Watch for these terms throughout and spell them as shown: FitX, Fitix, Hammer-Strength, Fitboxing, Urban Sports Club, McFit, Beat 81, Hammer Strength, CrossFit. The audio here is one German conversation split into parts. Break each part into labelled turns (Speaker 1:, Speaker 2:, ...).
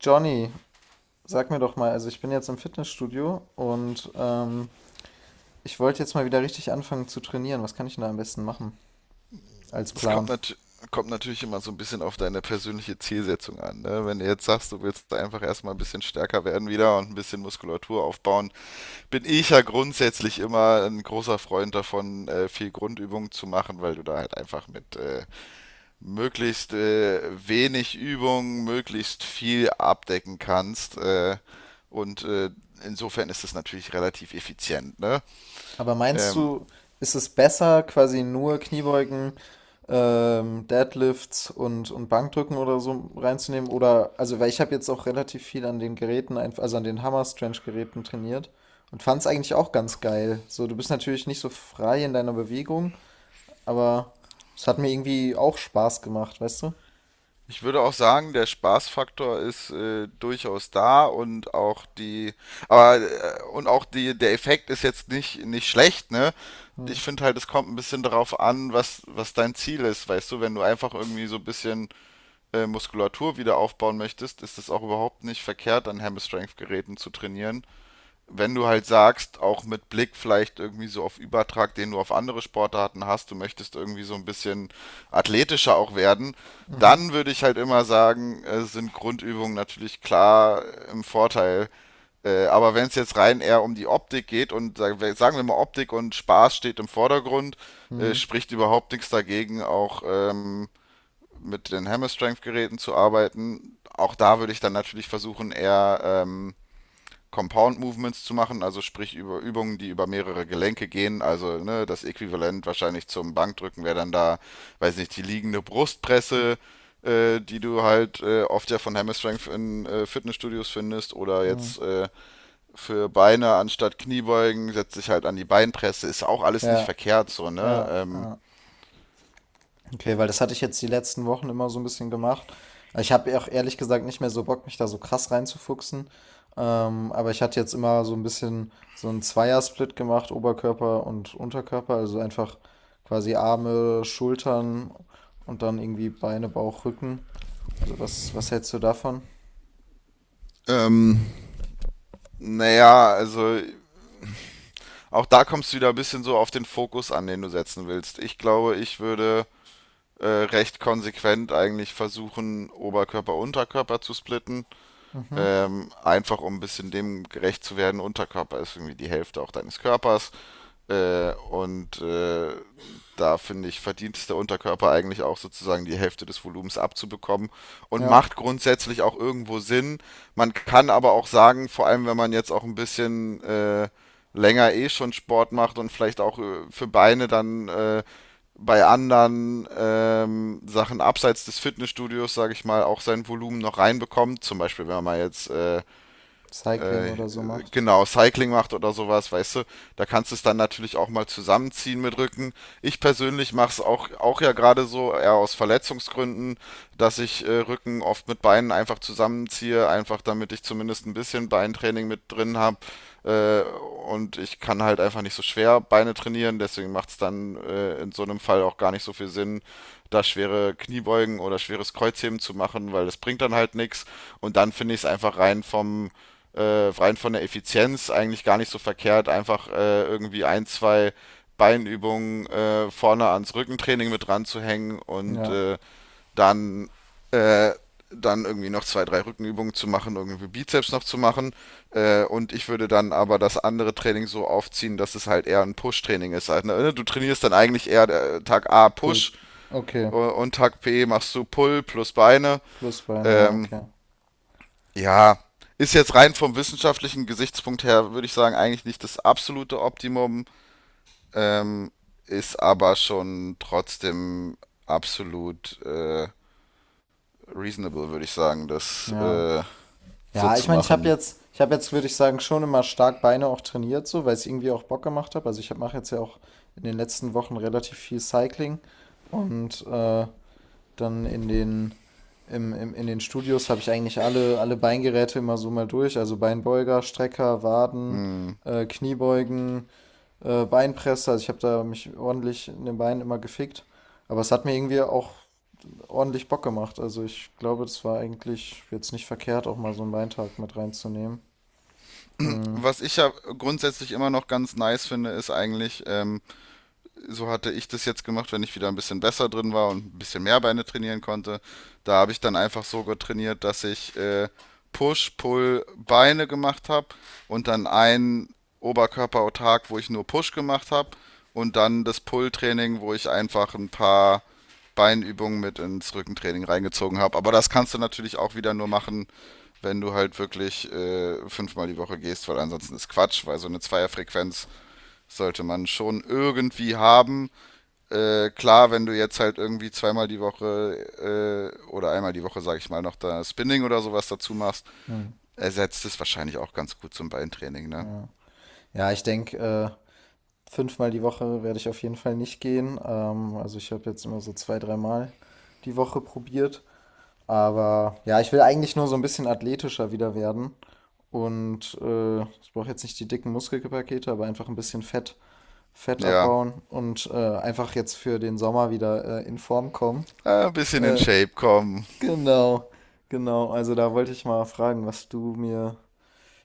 Speaker 1: Johnny, sag mir doch mal, also ich bin jetzt im Fitnessstudio und ich wollte jetzt mal wieder richtig anfangen zu trainieren. Was kann ich denn da am besten machen als
Speaker 2: Es kommt,
Speaker 1: Plan?
Speaker 2: nat kommt natürlich immer so ein bisschen auf deine persönliche Zielsetzung an, ne? Wenn du jetzt sagst, du willst einfach erstmal ein bisschen stärker werden wieder und ein bisschen Muskulatur aufbauen, bin ich ja grundsätzlich immer ein großer Freund davon, viel Grundübungen zu machen, weil du da halt einfach mit möglichst wenig Übung möglichst viel abdecken kannst. Und äh, insofern ist es natürlich relativ effizient, ne?
Speaker 1: Aber meinst
Speaker 2: Ähm,
Speaker 1: du, ist es besser, quasi nur Kniebeugen, Deadlifts und Bankdrücken oder so reinzunehmen? Oder, also, weil ich habe jetzt auch relativ viel an den Geräten, also an den Hammer-Strength-Geräten trainiert und fand es eigentlich auch ganz geil. So, du bist natürlich nicht so frei in deiner Bewegung, aber es hat mir irgendwie auch Spaß gemacht, weißt du?
Speaker 2: Ich würde auch sagen, der Spaßfaktor ist durchaus da und auch die, und auch die, der Effekt ist jetzt nicht schlecht, ne?
Speaker 1: Mhm.
Speaker 2: Ich finde halt, es kommt ein bisschen darauf an, was dein Ziel ist, weißt du? Wenn du einfach irgendwie so ein bisschen Muskulatur wieder aufbauen möchtest, ist es auch überhaupt nicht verkehrt, an Hammer Strength Geräten zu trainieren. Wenn du halt sagst, auch mit Blick vielleicht irgendwie so auf Übertrag, den du auf andere Sportarten hast, du möchtest irgendwie so ein bisschen athletischer auch werden,
Speaker 1: Mhm.
Speaker 2: dann würde ich halt immer sagen, sind Grundübungen natürlich klar im Vorteil. Aber wenn es jetzt rein eher um die Optik geht und sagen wir mal, Optik und Spaß steht im Vordergrund,
Speaker 1: Mhm.
Speaker 2: spricht überhaupt nichts dagegen, auch mit den Hammer Strength Geräten zu arbeiten. Auch da würde ich dann natürlich versuchen, eher Compound Movements zu machen, also sprich über Übungen, die über mehrere Gelenke gehen. Also ne, das Äquivalent wahrscheinlich zum Bankdrücken wäre dann da, weiß nicht, die liegende Brustpresse, die du halt oft ja von Hammer Strength in Fitnessstudios findest. Oder
Speaker 1: Mhm.
Speaker 2: jetzt für Beine anstatt Kniebeugen setzt sich halt an die Beinpresse. Ist auch alles nicht
Speaker 1: Ja,
Speaker 2: verkehrt so, ne?
Speaker 1: ja, ja. Okay, weil das hatte ich jetzt die letzten Wochen immer so ein bisschen gemacht. Ich habe auch ehrlich gesagt nicht mehr so Bock, mich da so krass reinzufuchsen. Aber ich hatte jetzt immer so ein bisschen so 'n Zweiersplit gemacht, Oberkörper und Unterkörper, also einfach quasi Arme, Schultern und dann irgendwie Beine, Bauch, Rücken. Also was hältst du davon?
Speaker 2: Ähm, naja, also auch da kommst du wieder ein bisschen so auf den Fokus an, den du setzen willst. Ich glaube, ich würde recht konsequent eigentlich versuchen, Oberkörper, Unterkörper zu splitten.
Speaker 1: Mhm.
Speaker 2: Einfach um ein bisschen dem gerecht zu werden. Unterkörper ist irgendwie die Hälfte auch deines Körpers. Äh, und äh, Da finde ich, verdient es der Unterkörper eigentlich auch sozusagen die Hälfte des Volumens abzubekommen und
Speaker 1: Ja,
Speaker 2: macht grundsätzlich auch irgendwo Sinn. Man kann aber auch sagen, vor allem wenn man jetzt auch ein bisschen länger eh schon Sport macht und vielleicht auch für Beine dann bei anderen Sachen abseits des Fitnessstudios, sage ich mal, auch sein Volumen noch reinbekommt. Zum Beispiel, wenn man jetzt
Speaker 1: Cycling
Speaker 2: äh,
Speaker 1: oder so macht.
Speaker 2: genau, Cycling macht oder sowas, weißt du, da kannst du es dann natürlich auch mal zusammenziehen mit Rücken. Ich persönlich mache es auch, auch ja gerade so, eher aus Verletzungsgründen, dass ich Rücken oft mit Beinen einfach zusammenziehe, einfach damit ich zumindest ein bisschen Beintraining mit drin habe. Äh, und ich kann halt einfach nicht so schwer Beine trainieren, deswegen macht es dann in so einem Fall auch gar nicht so viel Sinn, da schwere Kniebeugen oder schweres Kreuzheben zu machen, weil das bringt dann halt nichts. Und dann finde ich es einfach rein von der Effizienz eigentlich gar nicht so verkehrt, einfach irgendwie ein, zwei Beinübungen vorne ans Rückentraining mit dran zu hängen
Speaker 1: Ja,
Speaker 2: dann, äh, dann irgendwie noch zwei, drei Rückenübungen zu machen, irgendwie Bizeps noch zu machen. Und ich würde dann aber das andere Training so aufziehen, dass es halt eher ein Push-Training ist. Also ne, du trainierst dann eigentlich eher Tag A
Speaker 1: Pull.
Speaker 2: Push
Speaker 1: Okay,
Speaker 2: und Tag B machst du Pull plus Beine.
Speaker 1: plus Beine, ja,
Speaker 2: Ähm,
Speaker 1: okay.
Speaker 2: ja, ist jetzt rein vom wissenschaftlichen Gesichtspunkt her, würde ich sagen, eigentlich nicht das absolute Optimum, ähm, ist aber schon trotzdem absolut reasonable, würde ich sagen, das
Speaker 1: Ja.
Speaker 2: so
Speaker 1: Ja, ich
Speaker 2: zu
Speaker 1: meine,
Speaker 2: machen.
Speaker 1: ich habe jetzt, würde ich sagen, schon immer stark Beine auch trainiert, so, weil es irgendwie auch Bock gemacht hat. Also ich mache jetzt ja auch in den letzten Wochen relativ viel Cycling und dann in den Studios habe ich eigentlich alle Beingeräte immer so mal durch. Also Beinbeuger, Strecker, Waden, Kniebeugen, Beinpresse. Also ich habe da mich ordentlich in den Beinen immer gefickt. Aber es hat mir irgendwie auch ordentlich Bock gemacht. Also ich glaube, das war eigentlich jetzt nicht verkehrt, auch mal so einen Weintag mit reinzunehmen. Hm,
Speaker 2: Was ich ja grundsätzlich immer noch ganz nice finde, ist eigentlich, so hatte ich das jetzt gemacht, wenn ich wieder ein bisschen besser drin war und ein bisschen mehr Beine trainieren konnte. Da habe ich dann einfach so trainiert, dass ich Push, Pull, Beine gemacht habe und dann einen Oberkörperautark, wo ich nur Push gemacht habe, und dann das Pull-Training, wo ich einfach ein paar Beinübungen mit ins Rückentraining reingezogen habe. Aber das kannst du natürlich auch wieder nur machen, wenn du halt wirklich fünfmal die Woche gehst, weil ansonsten ist Quatsch, weil so eine Zweierfrequenz sollte man schon irgendwie haben. Klar, wenn du jetzt halt irgendwie zweimal die Woche oder einmal die Woche, sag ich mal, noch da Spinning oder sowas dazu machst,
Speaker 1: hm,
Speaker 2: ersetzt es wahrscheinlich auch ganz gut zum Beintraining, ne?
Speaker 1: ja. Ja, ich denke, fünfmal die Woche werde ich auf jeden Fall nicht gehen. Also ich habe jetzt immer so zwei, dreimal die Woche probiert. Aber ja, ich will eigentlich nur so ein bisschen athletischer wieder werden. Und ich brauche jetzt nicht die dicken Muskelpakete, aber einfach ein bisschen Fett
Speaker 2: Ja,
Speaker 1: abbauen und einfach jetzt für den Sommer wieder in Form kommen.
Speaker 2: ein bisschen in
Speaker 1: Äh,
Speaker 2: Shape kommen.
Speaker 1: Genau, genau. Also da wollte ich mal fragen,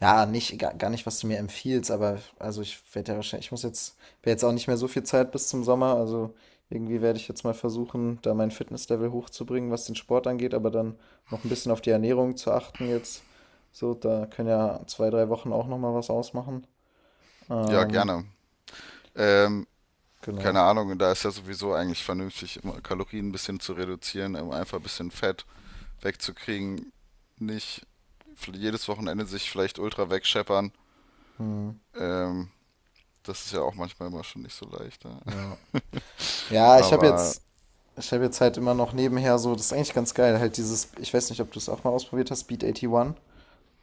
Speaker 1: ja, nicht, gar nicht, was du mir empfiehlst, aber also ich werde ja wahrscheinlich, wäre jetzt auch nicht mehr so viel Zeit bis zum Sommer, also irgendwie werde ich jetzt mal versuchen, da mein Fitnesslevel hochzubringen, was den Sport angeht, aber dann noch ein bisschen auf die Ernährung zu achten jetzt. So, da können ja zwei, drei Wochen auch noch mal was ausmachen.
Speaker 2: Ja,
Speaker 1: Ähm,
Speaker 2: gerne. Ähm, Keine
Speaker 1: genau.
Speaker 2: Ahnung, da ist ja sowieso eigentlich vernünftig, immer Kalorien ein bisschen zu reduzieren, um einfach ein bisschen Fett wegzukriegen. Nicht jedes Wochenende sich vielleicht ultra wegscheppern.
Speaker 1: Hm,
Speaker 2: Ähm, Das ist ja auch manchmal immer schon nicht so leicht, ne?
Speaker 1: ja. Ja, ich habe
Speaker 2: Aber
Speaker 1: jetzt Ich habe jetzt halt immer noch nebenher so, das ist eigentlich ganz geil, halt dieses, ich weiß nicht, ob du es auch mal ausprobiert hast, Beat 81,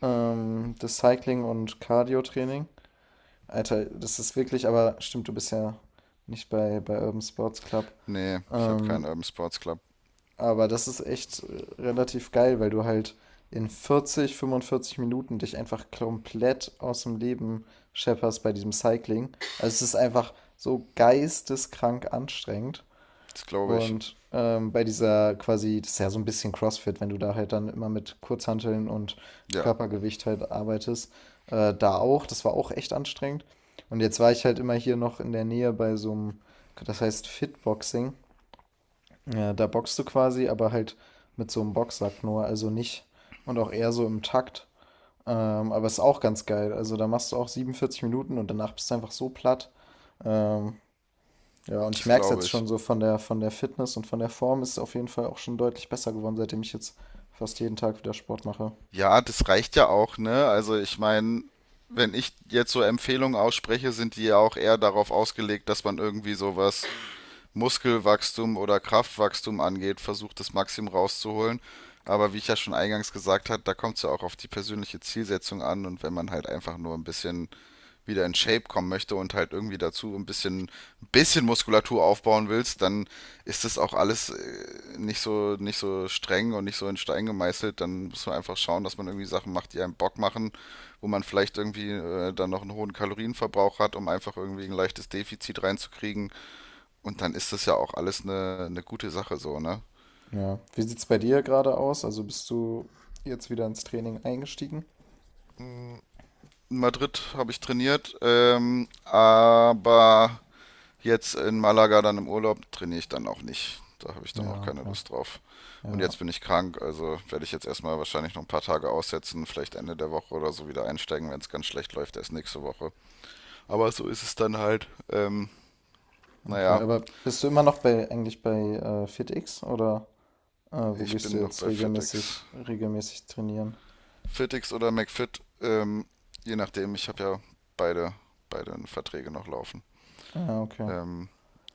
Speaker 1: das Cycling- und Cardio-Training. Alter, das ist wirklich, aber stimmt, du bist ja nicht bei Urban Sports Club.
Speaker 2: nee, ich habe keinen
Speaker 1: Ähm,
Speaker 2: Urban Sports Club.
Speaker 1: aber das ist echt relativ geil, weil du halt in 40, 45 Minuten dich einfach komplett aus dem Leben schepperst bei diesem Cycling. Also es ist einfach so geisteskrank anstrengend.
Speaker 2: Das glaube ich.
Speaker 1: Und bei dieser quasi, das ist ja so ein bisschen CrossFit, wenn du da halt dann immer mit Kurzhanteln und
Speaker 2: Ja,
Speaker 1: Körpergewicht halt arbeitest, da auch, das war auch echt anstrengend. Und jetzt war ich halt immer hier noch in der Nähe bei so einem, das heißt Fitboxing. Ja, da boxst du quasi, aber halt mit so einem Boxsack nur, also nicht und auch eher so im Takt. Aber ist auch ganz geil. Also da machst du auch 47 Minuten und danach bist du einfach so platt. Ähm, ja, und ich
Speaker 2: das
Speaker 1: merke es
Speaker 2: glaube
Speaker 1: jetzt
Speaker 2: ich.
Speaker 1: schon so von der Fitness und von der Form ist es auf jeden Fall auch schon deutlich besser geworden, seitdem ich jetzt fast jeden Tag wieder Sport mache.
Speaker 2: Ja, das reicht ja auch, ne? Also ich meine, wenn ich jetzt so Empfehlungen ausspreche, sind die ja auch eher darauf ausgelegt, dass man irgendwie sowas Muskelwachstum oder Kraftwachstum angeht, versucht, das Maximum rauszuholen. Aber wie ich ja schon eingangs gesagt habe, da kommt es ja auch auf die persönliche Zielsetzung an. Und wenn man halt einfach nur ein bisschen wieder in Shape kommen möchte und halt irgendwie dazu ein bisschen Muskulatur aufbauen willst, dann ist das auch alles nicht so streng und nicht so in Stein gemeißelt. Dann muss man einfach schauen, dass man irgendwie Sachen macht, die einem Bock machen, wo man vielleicht irgendwie dann noch einen hohen Kalorienverbrauch hat, um einfach irgendwie ein leichtes Defizit reinzukriegen. Und dann ist das ja auch alles eine gute Sache so, ne?
Speaker 1: Ja. Wie sieht es bei dir gerade aus? Also bist du jetzt wieder ins Training eingestiegen?
Speaker 2: In Madrid habe ich trainiert, aber jetzt in Malaga dann im Urlaub trainiere ich dann auch nicht. Da habe ich dann auch
Speaker 1: Ja,
Speaker 2: keine
Speaker 1: okay.
Speaker 2: Lust drauf. Und
Speaker 1: Ja,
Speaker 2: jetzt bin ich krank, also werde ich jetzt erstmal wahrscheinlich noch ein paar Tage aussetzen, vielleicht Ende der Woche oder so wieder einsteigen, wenn es ganz schlecht läuft, erst nächste Woche. Aber so ist es dann halt.
Speaker 1: okay.
Speaker 2: Naja,
Speaker 1: Aber bist du immer noch bei eigentlich bei FitX oder wo
Speaker 2: ich
Speaker 1: gehst du
Speaker 2: bin noch
Speaker 1: jetzt
Speaker 2: bei Fitix.
Speaker 1: regelmäßig trainieren?
Speaker 2: Fitix oder McFit, je nachdem, ich habe ja beide, beide Verträge noch laufen.
Speaker 1: Ja, okay.
Speaker 2: Ähm,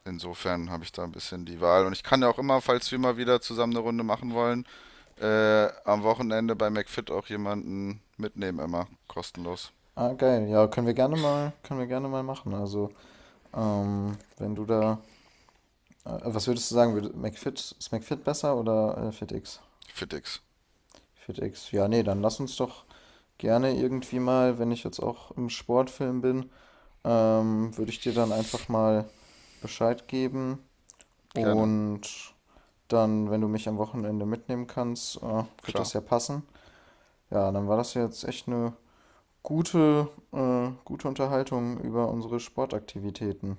Speaker 2: Insofern habe ich da ein bisschen die Wahl. Und ich kann ja auch immer, falls wir mal wieder zusammen eine Runde machen wollen, am Wochenende bei McFit auch jemanden mitnehmen, immer. Kostenlos.
Speaker 1: Ah, geil. Ja, können wir gerne mal, können wir gerne mal machen. Also, wenn du da was würdest du sagen? Würde McFit, ist McFit besser oder FitX?
Speaker 2: FitX.
Speaker 1: FitX. Ja, nee, dann lass uns doch gerne irgendwie mal, wenn ich jetzt auch im Sportfilm bin, würde ich dir dann einfach mal Bescheid geben.
Speaker 2: Gerne.
Speaker 1: Und dann, wenn du mich am Wochenende mitnehmen kannst, wird das
Speaker 2: Klar.
Speaker 1: ja passen. Ja, dann war das jetzt echt eine gute Unterhaltung über unsere Sportaktivitäten.